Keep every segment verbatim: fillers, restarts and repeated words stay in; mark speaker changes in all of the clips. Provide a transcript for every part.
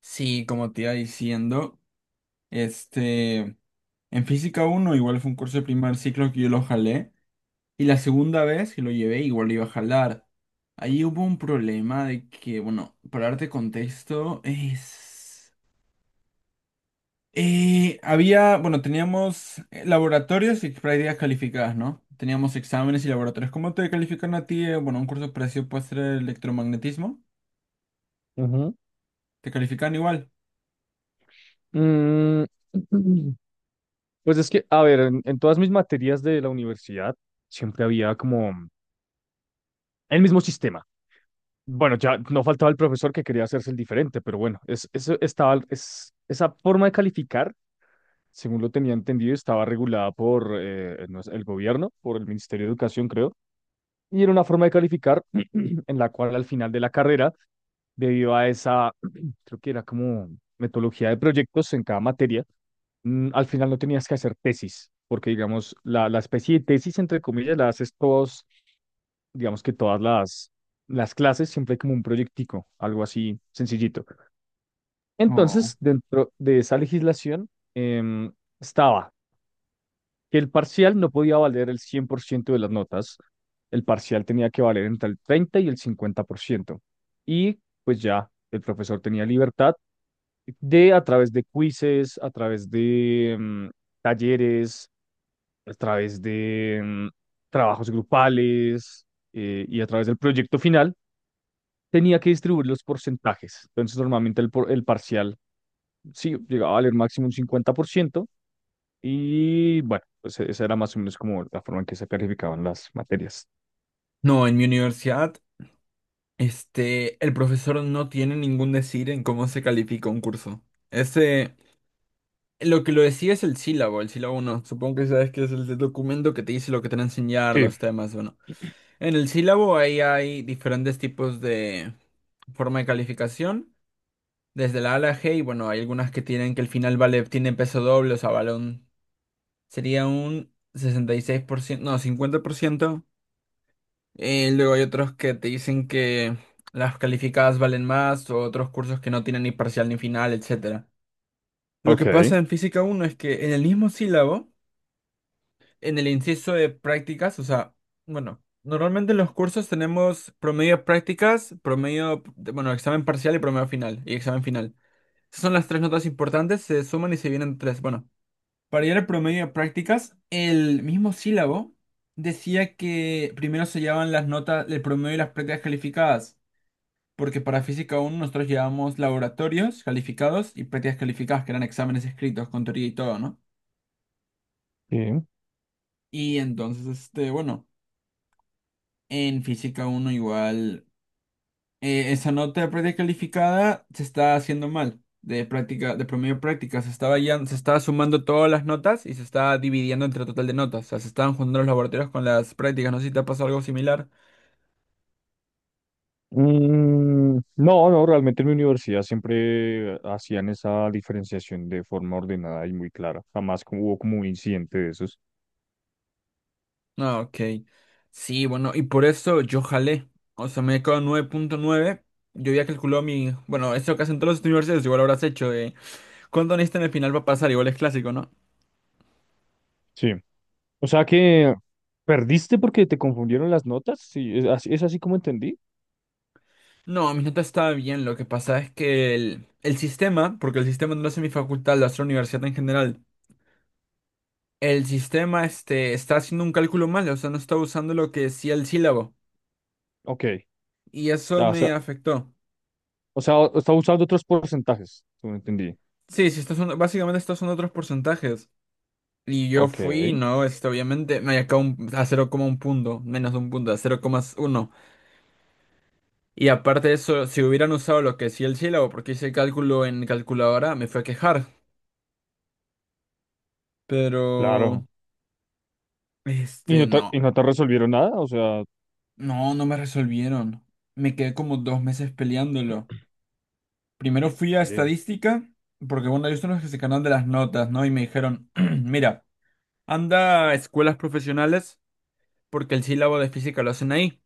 Speaker 1: Sí, como te iba diciendo, este, en física uno igual fue un curso de primer ciclo que yo lo jalé y la segunda vez que lo llevé igual lo iba a jalar. Ahí hubo un problema de que, bueno, para darte contexto, es... eh, había, bueno, teníamos eh, laboratorios y prácticas calificadas, ¿no? Teníamos exámenes y laboratorios. ¿Cómo te califican a ti? eh, Bueno, un curso parecido puede ser electromagnetismo.
Speaker 2: Ujú.
Speaker 1: ¿Te califican igual?
Speaker 2: Mm, pues es que, a ver, en, en todas mis materias de la universidad siempre había como el mismo sistema. Bueno, ya no faltaba el profesor que quería hacerse el diferente, pero bueno, es, eso estaba, es, esa forma de calificar, según lo tenía entendido, estaba regulada por eh, no sé, el gobierno, por el Ministerio de Educación, creo, y era una forma de calificar en la cual al final de la carrera, debido a esa, creo que era como metodología de proyectos en cada materia. Mm, al final no tenías que hacer tesis, porque digamos, la, la especie de tesis, entre comillas, la haces todos, digamos que todas las, las clases, siempre hay como un proyectico, algo así sencillito.
Speaker 1: Oh.
Speaker 2: Entonces, dentro de esa legislación em, estaba que el parcial no podía valer el cien por ciento de las notas. El parcial tenía que valer entre el treinta y el cincuenta por ciento. Y pues ya el profesor tenía libertad de, a través de quizzes, a través de... em, talleres, a través de mm, trabajos grupales eh, y a través del proyecto final, tenía que distribuir los porcentajes. Entonces, normalmente el, por- el parcial, sí, llegaba a valer máximo un cincuenta por ciento, y bueno, pues e, esa era más o menos como la forma en que se calificaban las materias.
Speaker 1: No, en mi universidad. Este, el profesor no tiene ningún decir en cómo se califica un curso. Ese, lo que lo decía es el sílabo, el sílabo uno. Supongo que sabes que es el documento que te dice lo que te van a enseñar,
Speaker 2: Sí,
Speaker 1: los temas, bueno. En el sílabo ahí hay diferentes tipos de forma de calificación, desde la A a la G, y bueno, hay algunas que tienen que el final vale, tiene peso doble, o sea, vale un, sería un sesenta y seis por ciento, no, cincuenta por ciento. Eh, luego hay otros que te dicen que las calificadas valen más o otros cursos que no tienen ni parcial ni final, etcétera. Lo que
Speaker 2: ok.
Speaker 1: pasa en física uno es que en el mismo sílabo, en el inciso de prácticas, o sea, bueno, normalmente en los cursos tenemos promedio de prácticas, promedio, de- bueno, examen parcial y promedio final, y examen final. Esas son las tres notas importantes, se suman y se vienen tres. Bueno, para llegar al promedio de prácticas, el mismo sílabo decía que primero se llevaban las notas, el promedio y las prácticas calificadas. Porque para Física uno nosotros llevamos laboratorios calificados y prácticas calificadas, que eran exámenes escritos con teoría y todo, ¿no?
Speaker 2: Sí.
Speaker 1: Y entonces, este, bueno, en Física uno igual, eh, esa nota de práctica calificada se está haciendo mal. De práctica, de promedio de práctica, se estaba ya, se estaba sumando todas las notas y se está dividiendo entre el total de notas. O sea, se estaban juntando los laboratorios con las prácticas. No sé si te ha pasado algo similar.
Speaker 2: Mm, no, no, realmente en mi universidad siempre hacían esa diferenciación de forma ordenada y muy clara. Jamás como- hubo como un incidente de esos.
Speaker 1: Ah, ok. Sí, bueno, y por eso yo jalé. O sea, me quedó nueve punto nueve. Yo había calculado mi. Bueno, eso que hacen todos los universitarios, igual habrás hecho. Eh, ¿cuánto necesitan al final para pasar? Igual es clásico, ¿no?
Speaker 2: Sí. O sea que perdiste porque te confundieron las notas. Sí, es así, es así como entendí.
Speaker 1: No, mi nota estaba bien. Lo que pasa es que el, el sistema, porque el sistema no lo hace mi facultad, lo hace la universidad en general. El sistema este, está haciendo un cálculo mal, o sea, no está usando lo que decía el sílabo.
Speaker 2: Ok.
Speaker 1: Y eso
Speaker 2: Ah, o sea,
Speaker 1: me afectó.
Speaker 2: o sea, o- está usando otros porcentajes. Como entendí.
Speaker 1: Sí, sí, estos son, básicamente estos son otros porcentajes. Y yo
Speaker 2: Ok,
Speaker 1: fui, no, este, obviamente, me acá un- a cero, un punto, menos de un punto, a cero coma uno. Y aparte de eso, si hubieran usado lo que decía el sílabo, porque hice cálculo en calculadora, me fue a quejar. Pero,
Speaker 2: claro. ¿Y
Speaker 1: este,
Speaker 2: no te,
Speaker 1: no,
Speaker 2: y no te resolvieron nada? O sea,
Speaker 1: no, no me resolvieron. Me quedé como dos meses peleándolo. Primero fui a
Speaker 2: oye,
Speaker 1: estadística, porque bueno, ellos son los que se encargan de las notas, ¿no? Y me dijeron, mira, anda a escuelas profesionales, porque el sílabo de física lo hacen ahí.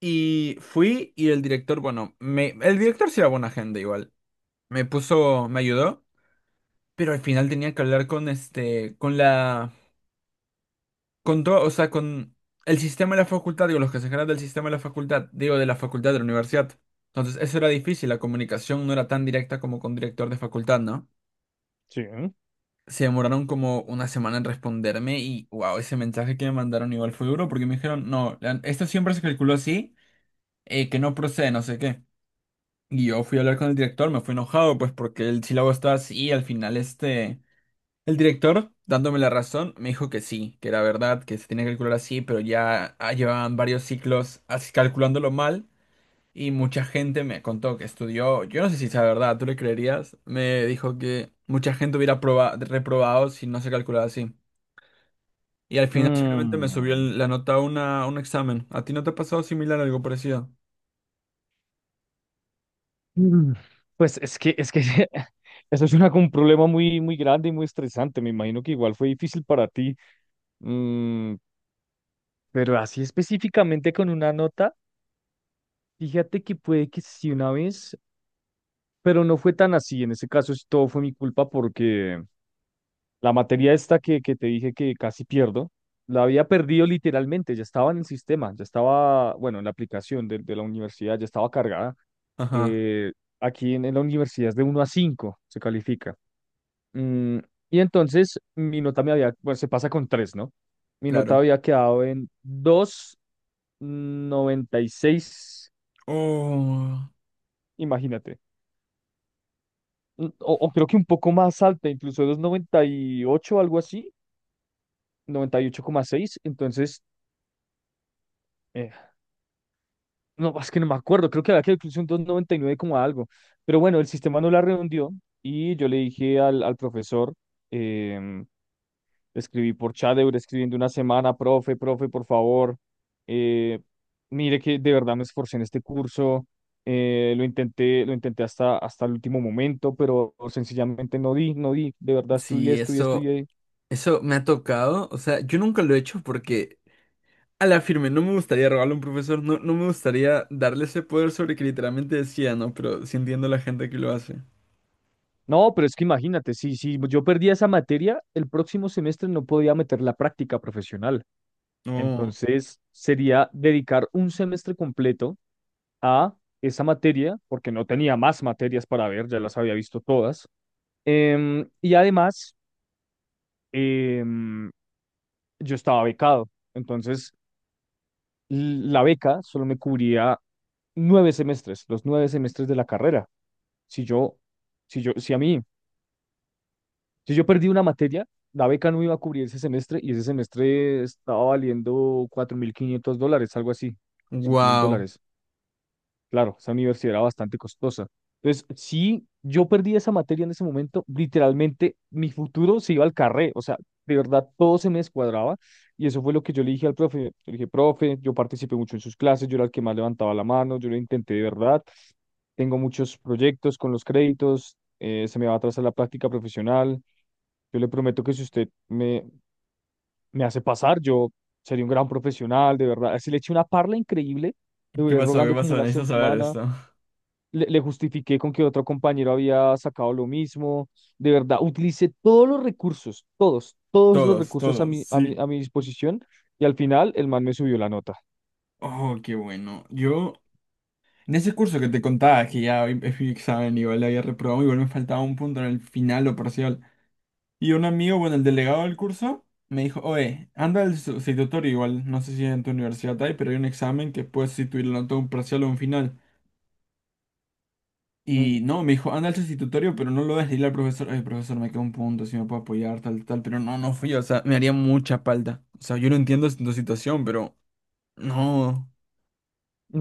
Speaker 1: Y fui y el director, bueno, me, el director sí era buena gente igual. Me puso, me ayudó, pero al final tenía que hablar con este, con la, con todo, o sea, con el sistema de la facultad, digo, los que se encargan del sistema de la facultad, digo, de la facultad de la universidad. Entonces, eso era difícil, la comunicación no era tan directa como con director de facultad, ¿no?
Speaker 2: sí, ¿eh?
Speaker 1: Se demoraron como una semana en responderme y, wow, ese mensaje que me mandaron igual fue duro porque me dijeron, no, la- esto siempre se calculó así, eh, que no procede, no sé qué. Y yo fui a hablar con el director, me fui enojado, pues porque el sílabo estaba así, y al final este... El director, dándome la razón, me dijo que sí, que era verdad, que se tenía que calcular así, pero ya ah, llevaban varios ciclos así calculándolo mal, y mucha gente me contó que estudió, yo no sé si sea verdad, ¿tú le creerías? Me dijo que mucha gente hubiera proba- reprobado si no se calculaba así. Y al final simplemente me subió
Speaker 2: Mm.
Speaker 1: el- la nota a una, a un examen. ¿A ti no te ha pasado similar algo parecido?
Speaker 2: Mm, Pues es que, es que eso es una, un problema muy, muy grande y muy estresante. Me imagino que igual fue difícil para ti. Mm, pero así específicamente con una nota, fíjate que puede que sí una vez. Pero no fue tan así. En ese caso, sí, todo fue mi culpa porque la materia esta que, que te dije que casi pierdo, la había perdido literalmente. Ya estaba en el sistema, ya estaba, bueno, en la aplicación de, de la universidad, ya estaba cargada.
Speaker 1: Ajá,
Speaker 2: Eh, Aquí en, en la universidad es de uno a cinco se califica. Mm, y entonces mi nota me había, bueno, se pasa con tres, ¿no? Mi nota
Speaker 1: claro.
Speaker 2: había quedado en dos noventa y seis,
Speaker 1: Oh,
Speaker 2: imagínate. Mm, O, o creo que un poco más alta, incluso dos noventa y ocho, algo así, noventa y ocho coma seis. Entonces, eh, no, es que no me acuerdo. Creo que había que incluso un doscientos noventa y nueve como algo. Pero bueno, el sistema no la redondeó y yo le dije al, al profesor, eh, escribí por chat, duré escribiendo una semana. Profe, profe, por favor, eh, mire que de verdad me esforcé en este curso. Eh, lo intenté, lo intenté hasta, hasta el último momento, pero sencillamente no di, no di. De verdad estudié,
Speaker 1: sí,
Speaker 2: estudié,
Speaker 1: eso.
Speaker 2: estudié.
Speaker 1: Eso me ha tocado, o sea, yo nunca lo he hecho porque a la firme no me gustaría robarle a un profesor, no, no me gustaría darle ese poder sobre que literalmente decía, ¿no? Pero sí entiendo a la gente que lo hace.
Speaker 2: No, pero es que imagínate, si, si yo perdía esa materia, el próximo semestre no podía meter la práctica profesional.
Speaker 1: No,
Speaker 2: Entonces sería dedicar un semestre completo a esa materia, porque no tenía más materias para ver, ya las había visto todas. Em, y además, em, yo estaba becado. Entonces, l- la beca solo me cubría nueve semestres, los nueve semestres de la carrera. Si yo, si yo, si a mí Si yo perdí una materia, la beca no me iba a cubrir ese semestre, y ese semestre estaba valiendo cuatro mil quinientos dólares, algo así, cinco mil
Speaker 1: wow.
Speaker 2: dólares. Claro, esa universidad era bastante costosa. Entonces, si yo perdí esa materia en ese momento, literalmente mi futuro se iba al carré. O sea, de verdad todo se me descuadraba, y eso fue lo que yo le dije al profe. Yo le dije, profe, yo participé mucho en sus clases, yo era el que más levantaba la mano, yo lo intenté de verdad, tengo muchos proyectos con los créditos, eh, se me va a atrasar la práctica profesional. Yo le prometo que si usted me, me hace pasar, yo sería un gran profesional, de verdad. Si le eché una parla increíble, le
Speaker 1: ¿Qué
Speaker 2: duré
Speaker 1: pasó? ¿Qué
Speaker 2: rogando como
Speaker 1: pasó?
Speaker 2: una
Speaker 1: Necesito saber
Speaker 2: semana,
Speaker 1: esto.
Speaker 2: le, le justifiqué con que otro compañero había sacado lo mismo. De verdad, utilicé todos los recursos, todos, todos los
Speaker 1: Todos,
Speaker 2: recursos a
Speaker 1: todos,
Speaker 2: mi, a mi,
Speaker 1: sí.
Speaker 2: a mi disposición, y al final el man me subió la nota.
Speaker 1: Oh, qué bueno. Yo, en ese curso que te contaba, que ya hoy es mi examen, igual le había reprobado, igual me faltaba un punto en el final o parcial. Y un amigo, bueno, el delegado del curso, me dijo, oye, anda al sustitutorio igual, no sé si en tu universidad hay, pero hay un examen que puedes sustituirlo la nota un parcial o un final.
Speaker 2: Mm,
Speaker 1: Y no, me dijo, anda al sustitutorio, pero no lo dejes dile al profesor, oye, profesor, me queda un punto, si me puedo apoyar, tal, tal, pero no, no fui, o sea, me haría mucha falta. O sea, yo no entiendo tu situación, pero no,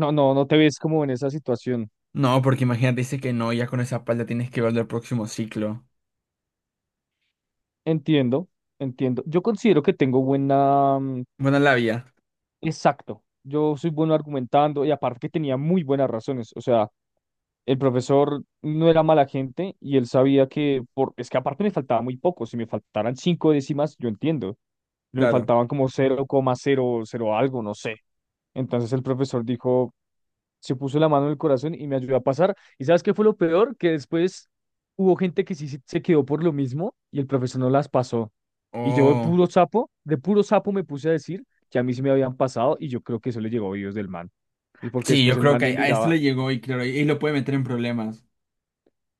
Speaker 2: No, no, no te ves como en esa situación.
Speaker 1: no, porque imagínate, dice que no, ya con esa falta tienes que ver el próximo ciclo.
Speaker 2: Entiendo, entiendo. Yo considero que tengo buena, mm,
Speaker 1: Buena labia,
Speaker 2: Exacto. Yo soy bueno argumentando, y aparte que tenía muy buenas razones. O sea, el profesor no era mala gente, y él sabía que por... Es que aparte me faltaba muy poco. Si me faltaran cinco décimas, yo entiendo. Pero me
Speaker 1: claro.
Speaker 2: faltaban como cero cero coma cero cero algo, no sé. Entonces el profesor dijo, se puso la mano en el corazón y me ayudó a pasar. ¿Y sabes qué fue lo peor? Que después hubo gente que sí se se quedó por lo mismo y el profesor no las pasó. Y yo de
Speaker 1: Oh,
Speaker 2: puro sapo, de puro sapo me puse a decir que a mí sí me habían pasado, y yo creo que eso le llegó a oídos del man. Y porque
Speaker 1: sí,
Speaker 2: después
Speaker 1: yo
Speaker 2: el
Speaker 1: creo
Speaker 2: man
Speaker 1: que
Speaker 2: me
Speaker 1: a a este
Speaker 2: miraba.
Speaker 1: le llegó y claro, y y lo puede meter en problemas.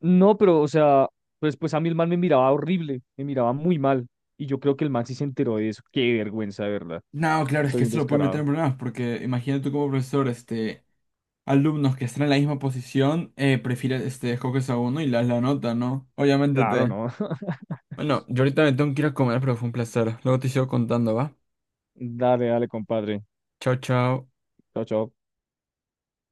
Speaker 2: No, pero o sea, pues, pues a mí el man me miraba horrible, me miraba muy mal. Y yo creo que el man sí se enteró de eso. Qué vergüenza, de verdad.
Speaker 1: No, claro, es que
Speaker 2: Soy un
Speaker 1: eso lo puede meter
Speaker 2: descarado.
Speaker 1: en problemas, porque imagínate tú como profesor, este, alumnos que están en la misma posición, eh, prefieres, este, escoges a uno y le das la nota, ¿no? Obviamente
Speaker 2: Claro,
Speaker 1: te...
Speaker 2: ¿no?
Speaker 1: Bueno, yo ahorita me tengo que ir a comer, pero fue un placer. Luego te sigo contando, ¿va?
Speaker 2: Dale, dale, compadre.
Speaker 1: Chao, chao.
Speaker 2: Chao, chao.